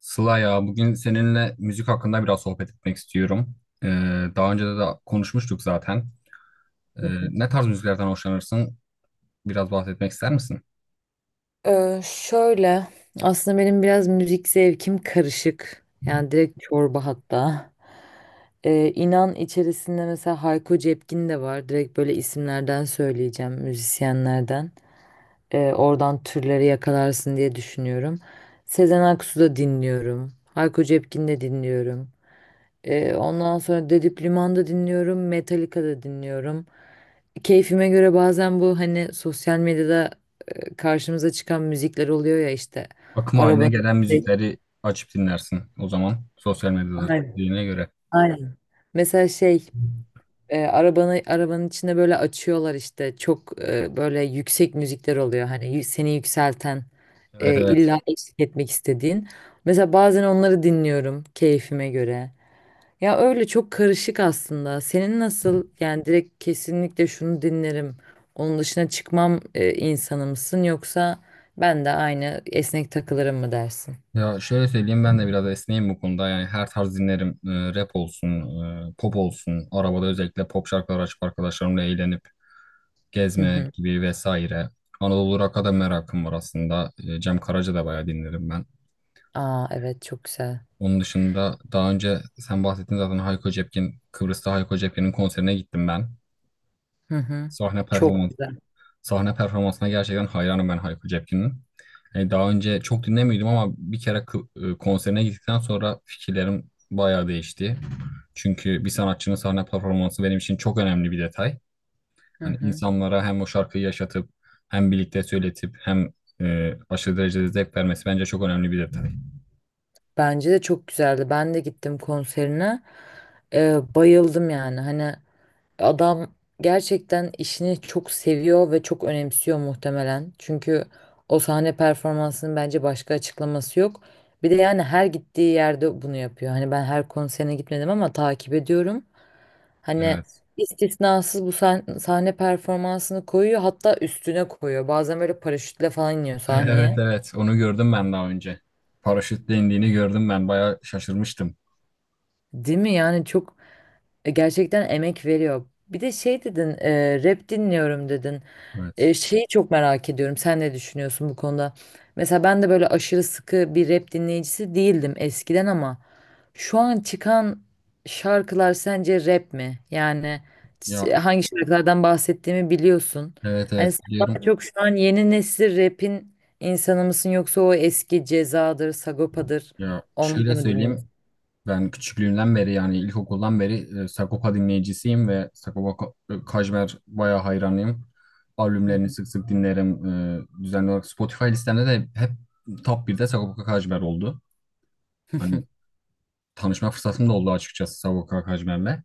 Sıla ya bugün seninle müzik hakkında biraz sohbet etmek istiyorum. Ee, Daha önce de konuşmuştuk zaten. Ee, Hı hı. Ne tarz müziklerden hoşlanırsın? Biraz bahsetmek ister misin? Şöyle aslında benim biraz müzik zevkim karışık. Yani direkt çorba hatta. İnan içerisinde mesela Hayko Cepkin de var. Direkt böyle isimlerden söyleyeceğim müzisyenlerden. Oradan türleri yakalarsın diye düşünüyorum. Sezen Aksu da dinliyorum. Hayko Cepkin de dinliyorum. Ondan sonra Dedip Liman'da dinliyorum. Metallica da dinliyorum. Keyfime göre bazen bu hani sosyal medyada, karşımıza çıkan müzikler oluyor ya işte, Akım haline arabanın. gelen müzikleri açıp dinlersin o zaman sosyal medyada Aynen. dediğine göre. Aynen. Mesela şey, arabanın içinde böyle açıyorlar işte, çok böyle yüksek müzikler oluyor, hani seni yükselten, Evet, evet. illa, evet, eşlik etmek istediğin. Mesela bazen onları dinliyorum keyfime göre. Ya öyle çok karışık aslında. Senin nasıl, yani direkt kesinlikle şunu dinlerim, onun dışına çıkmam insanı mısın, yoksa ben de aynı esnek takılırım mı dersin? Ya şöyle söyleyeyim, ben de biraz esneyim bu konuda. Yani her tarz dinlerim. Rap olsun, pop olsun. Arabada özellikle pop şarkılar açıp arkadaşlarımla eğlenip Hı gezme hı. gibi vesaire. Anadolu Rock'a da merakım var aslında. Cem Karaca da bayağı dinlerim ben. Aa evet, çok güzel. Onun dışında daha önce sen bahsettin zaten Hayko Cepkin, Kıbrıs'ta Hayko Cepkin'in konserine gittim ben. Hı hı. Sahne Çok performans, güzel. sahne performansına gerçekten hayranım ben Hayko Cepkin'in. Yani daha önce çok dinlemiyordum ama bir kere konserine gittikten sonra fikirlerim bayağı değişti. Çünkü bir sanatçının sahne performansı benim için çok önemli bir detay. Hı Hani hı. insanlara hem o şarkıyı yaşatıp hem birlikte söyletip hem aşırı derecede zevk vermesi bence çok önemli bir detay. Bence de çok güzeldi. Ben de gittim konserine. Bayıldım yani. Hani adam gerçekten işini çok seviyor ve çok önemsiyor muhtemelen. Çünkü o sahne performansının bence başka açıklaması yok. Bir de yani her gittiği yerde bunu yapıyor. Hani ben her konserine gitmedim ama takip ediyorum. Hani Evet. istisnasız bu sahne, sahne performansını koyuyor, hatta üstüne koyuyor. Bazen böyle paraşütle falan iniyor Evet, sahneye. evet, onu gördüm ben daha önce. Paraşütle indiğini gördüm, ben bayağı şaşırmıştım. Değil mi? Yani gerçekten emek veriyor. Bir de şey dedin, rap dinliyorum dedin. Evet. Şeyi çok merak ediyorum. Sen ne düşünüyorsun bu konuda? Mesela ben de böyle aşırı sıkı bir rap dinleyicisi değildim eskiden, ama şu an çıkan şarkılar sence rap mi? Yani Ya hangi şarkılardan bahsettiğimi biliyorsun. evet, Hani evet, sen daha biliyorum. çok şu an yeni nesil rap'in insanı mısın, yoksa o eski Ceza'dır, Sagopa'dır, Ya onları şöyle mı söyleyeyim, dinliyorsun? ben küçüklüğümden beri, yani ilkokuldan beri Sagopa dinleyicisiyim ve Sagopa Kajmer bayağı hayranıyım. Hı Albümlerini hı. sık sık dinlerim. Düzenli olarak Spotify listemde de hep top birde Sagopa Kajmer oldu. Hani tanışma fırsatım da oldu açıkçası Sagopa Kajmer'le.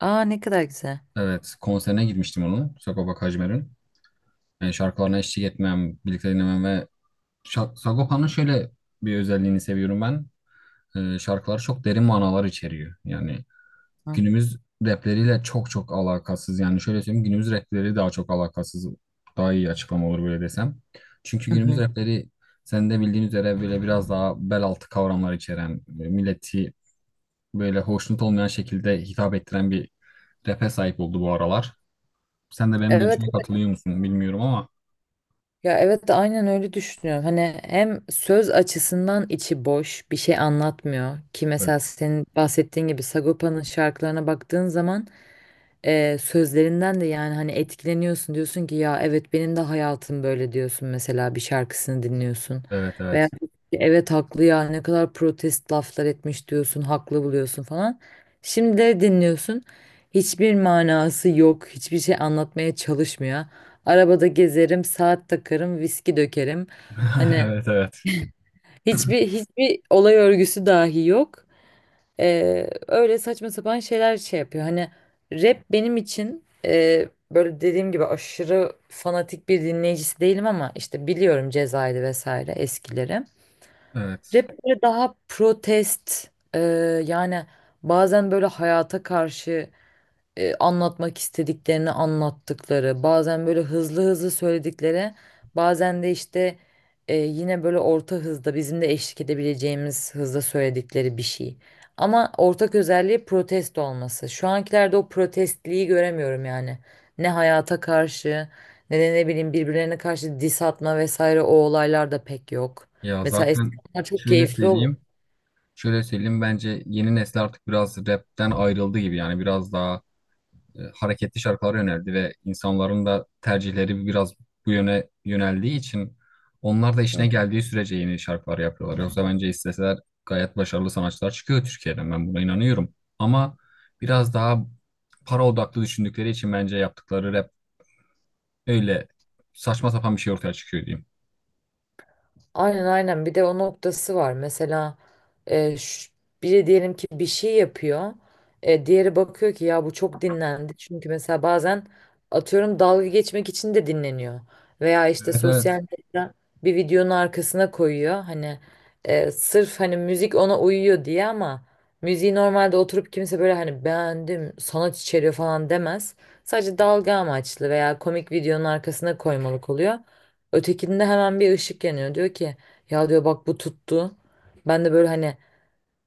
Aa ne kadar güzel. Evet, konserine gitmiştim onun, Sagopa Kajmer'in. Yani şarkılarına eşlik etmem, birlikte dinlemem ve Sagopa'nın şöyle bir özelliğini seviyorum ben. Şarkıları çok derin manalar içeriyor. Yani günümüz rapleriyle çok çok alakasız. Yani şöyle söyleyeyim, günümüz rapleri daha çok alakasız. Daha iyi açıklama olur böyle desem. Çünkü Hı günümüz hı. rapleri, sen de bildiğin üzere, böyle biraz daha bel altı kavramlar içeren, milleti böyle hoşnut olmayan şekilde hitap ettiren bir rap'e sahip oldu bu aralar. Sen de benim Evet, görüşüme evet. katılıyor musun bilmiyorum ama Ya evet de aynen öyle düşünüyorum. Hani hem söz açısından içi boş, bir şey anlatmıyor ki. Mesela evet, senin bahsettiğin gibi Sagopa'nın şarkılarına baktığın zaman, sözlerinden de, yani hani etkileniyorsun, diyorsun ki ya evet benim de hayatım böyle, diyorsun mesela bir şarkısını dinliyorsun. evet, Veya evet. evet, haklı ya, ne kadar protest laflar etmiş diyorsun, haklı buluyorsun falan. Şimdi de dinliyorsun, hiçbir manası yok, hiçbir şey anlatmaya çalışmıyor. Arabada gezerim, saat takarım, viski dökerim. Hani Evet, evet. hiçbir olay örgüsü dahi yok. Öyle saçma sapan şeyler şey yapıyor. Hani rap benim için, böyle dediğim gibi aşırı fanatik bir dinleyicisi değilim, ama işte biliyorum Ceza'ydı vesaire eskileri. Evet. Rap böyle daha protest, e, yani bazen böyle hayata karşı, anlatmak istediklerini anlattıkları, bazen böyle hızlı hızlı söyledikleri, bazen de işte, yine böyle orta hızda bizim de eşlik edebileceğimiz hızda söyledikleri bir şey. Ama ortak özelliği protesto olması. Şu ankilerde o protestliği göremiyorum yani. Ne hayata karşı ne de, ne bileyim, birbirlerine karşı diss atma vesaire o olaylar da pek yok. Ya Mesela eskiden zaten bunlar çok şöyle keyifli olur. söyleyeyim. Şöyle söyleyeyim, bence yeni nesil artık biraz rapten ayrıldı gibi, yani biraz daha hareketli şarkılar yöneldi ve insanların da tercihleri biraz bu yöne yöneldiği için onlar da işine geldiği sürece yeni şarkılar yapıyorlar. Yoksa bence isteseler gayet başarılı sanatçılar çıkıyor Türkiye'den, ben buna inanıyorum. Ama biraz daha para odaklı düşündükleri için bence yaptıkları rap öyle saçma sapan bir şey ortaya çıkıyor diyeyim. Aynen, aynen, bir de o noktası var. Mesela e, ş- biri diyelim ki bir şey yapıyor. E, diğeri bakıyor ki ya bu çok dinlendi. Çünkü mesela bazen atıyorum dalga geçmek için de dinleniyor. Veya işte Evet, sosyal evet. medya bir videonun arkasına koyuyor. Hani sırf hani müzik ona uyuyor diye, ama müziği normalde oturup kimse böyle hani beğendim, sanat içeriyor falan demez. Sadece dalga amaçlı veya komik videonun arkasına koymalık oluyor. Ötekinde hemen bir ışık yanıyor. Diyor ki ya, diyor, bak bu tuttu. Ben de böyle, hani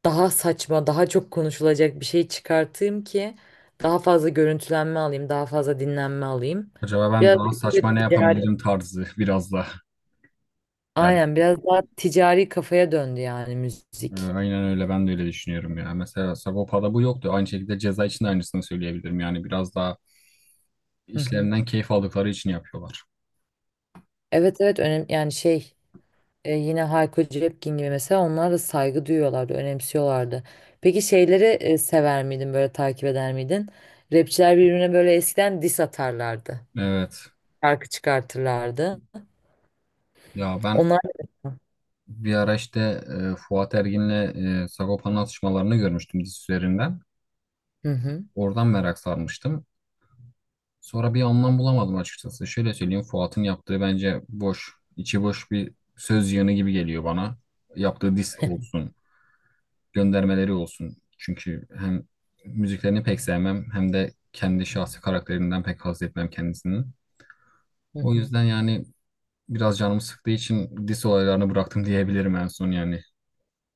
daha saçma, daha çok konuşulacak bir şey çıkartayım ki daha fazla görüntülenme alayım, daha fazla dinlenme alayım. Acaba ben Biraz daha saçma da ne ticari. yapabilirim tarzı biraz da Aynen, belki. biraz daha ticari kafaya döndü yani müzik. Aynen öyle, ben de öyle düşünüyorum ya. Mesela Sagopa'da bu yoktu. Aynı şekilde ceza için de aynısını söyleyebilirim. Yani biraz daha Hı hı. işlerinden keyif aldıkları için yapıyorlar. Evet, evet, önemli yani şey. Yine Hayko Cepkin gibi, mesela onlar da saygı duyuyorlardı, önemsiyorlardı. Peki şeyleri sever miydin, böyle takip eder miydin? Rapçiler birbirine böyle eskiden diss atarlardı. Evet. Şarkı çıkartırlardı. Ya ben Onlar. bir ara işte Fuat Ergin'le Sagopa'nın atışmalarını görmüştüm dizi üzerinden. Hı hı. Oradan merak sarmıştım. Sonra bir anlam bulamadım açıkçası. Şöyle söyleyeyim, Fuat'ın yaptığı bence boş, içi boş bir söz yığını gibi geliyor bana. Yaptığı diss olsun, göndermeleri olsun. Çünkü hem müziklerini pek sevmem hem de kendi şahsi karakterinden pek haz etmem kendisinin. Hı O hı. yüzden yani biraz canımı sıktığı için dis olaylarını bıraktım diyebilirim en son yani.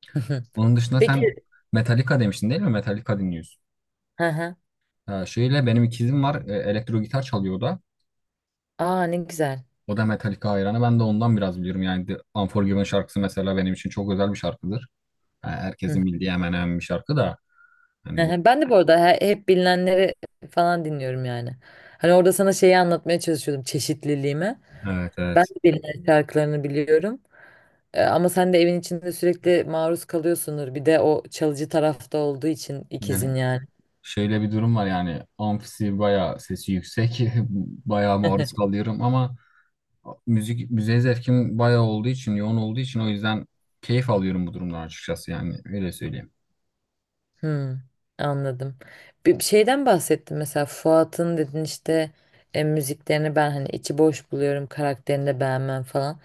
Hı hı. Onun dışında Peki. sen Metallica demiştin değil mi? Metallica dinliyorsun. Hı hı. Ha, şöyle, benim ikizim var, elektro gitar çalıyor o da. Aa ne güzel. O da Metallica hayranı. Ben de ondan biraz biliyorum. Yani The Unforgiven şarkısı mesela benim için çok özel bir şarkıdır. Ha, Hı. herkesin bildiği hemen hemen bir şarkı da. Hı Hani o- hı. Ben de bu arada hep bilinenleri falan dinliyorum yani. Hani orada sana şeyi anlatmaya çalışıyordum, çeşitliliğimi. evet, Ben evet. de bilinen şarkılarını biliyorum. E, ama sen de evin içinde sürekli maruz kalıyorsundur. Bir de o çalıcı tarafta olduğu için Yani ikizin yani. şöyle bir durum var, yani amfisi bayağı sesi yüksek, bayağı maruz kalıyorum ama müziğe zevkim bayağı olduğu için, yoğun olduğu için, o yüzden keyif alıyorum bu durumdan açıkçası, yani öyle söyleyeyim. Hmm, anladım. Bir şeyden bahsettin, mesela Fuat'ın dedin işte, müziklerini ben hani içi boş buluyorum, karakterini de beğenmem falan.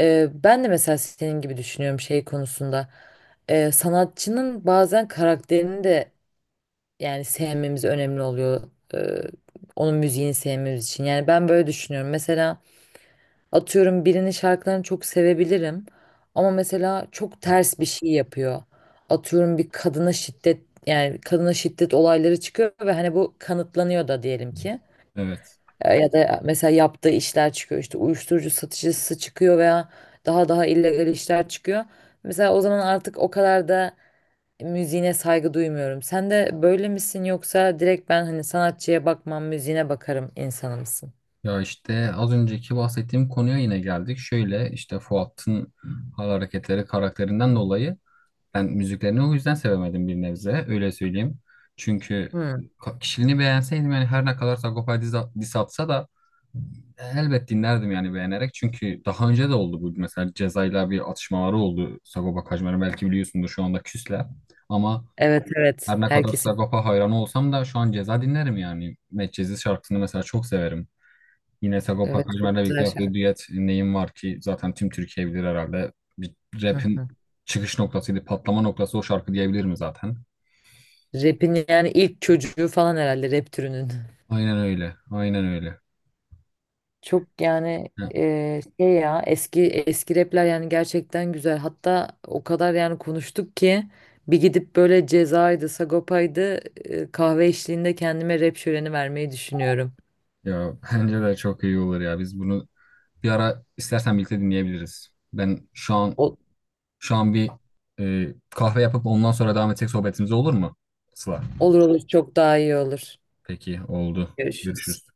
E, ben de mesela senin gibi düşünüyorum şey konusunda. E, sanatçının bazen karakterini de yani sevmemiz önemli oluyor. E, onun müziğini sevmemiz için. Yani ben böyle düşünüyorum. Mesela atıyorum birinin şarkılarını çok sevebilirim, ama mesela çok ters bir şey yapıyor. Atıyorum bir kadına şiddet, yani kadına şiddet olayları çıkıyor ve hani bu kanıtlanıyor da diyelim ki. Evet. Ya da mesela yaptığı işler çıkıyor, işte uyuşturucu satıcısı çıkıyor veya daha illegal işler çıkıyor. Mesela o zaman artık o kadar da müziğine saygı duymuyorum. Sen de böyle misin, yoksa direkt ben hani sanatçıya bakmam, müziğine bakarım insanı mısın? Ya işte az önceki bahsettiğim konuya yine geldik. Şöyle işte Fuat'ın hal hareketleri karakterinden dolayı ben müziklerini o yüzden sevemedim bir nebze. Öyle söyleyeyim. Çünkü Hmm. Kişiliğini beğenseydim, yani her ne kadar Sagopa diss atsa da elbet dinlerdim yani beğenerek. Çünkü daha önce de oldu bu. Mesela Ceza'yla bir atışmaları oldu Sagopa Kajmer'in, belki biliyorsundur, şu anda küsler. Ama Evet, evet, her ne kadar herkesin. Sagopa hayranı olsam da şu an Ceza dinlerim yani. Medcezir şarkısını mesela çok severim. Yine Sagopa Evet, Kajmer'le çok birlikte güzel yaptığı şarkı. düet Neyim Var ki zaten tüm Türkiye bilir herhalde. Bir Hı hı. rap'in çıkış noktasıydı, patlama noktası o şarkı diyebilir mi zaten? Rap'in yani ilk çocuğu falan herhalde, rap türünün. Aynen öyle, aynen öyle. Çok yani, Ya, şey ya, eski eski rapler yani gerçekten güzel. Hatta o kadar yani konuştuk ki, bir gidip böyle Ceza'ydı, Sagopa'ydı, kahve eşliğinde kendime rap şöleni vermeyi düşünüyorum. ya bence de çok iyi olur ya. Biz bunu bir ara istersen birlikte dinleyebiliriz. Ben Ol- şu an bir kahve yapıp ondan sonra devam etsek sohbetimize, olur mu Sıla? olur olur, çok daha iyi olur. Peki, oldu. Görüşürüz. Görüşürüz.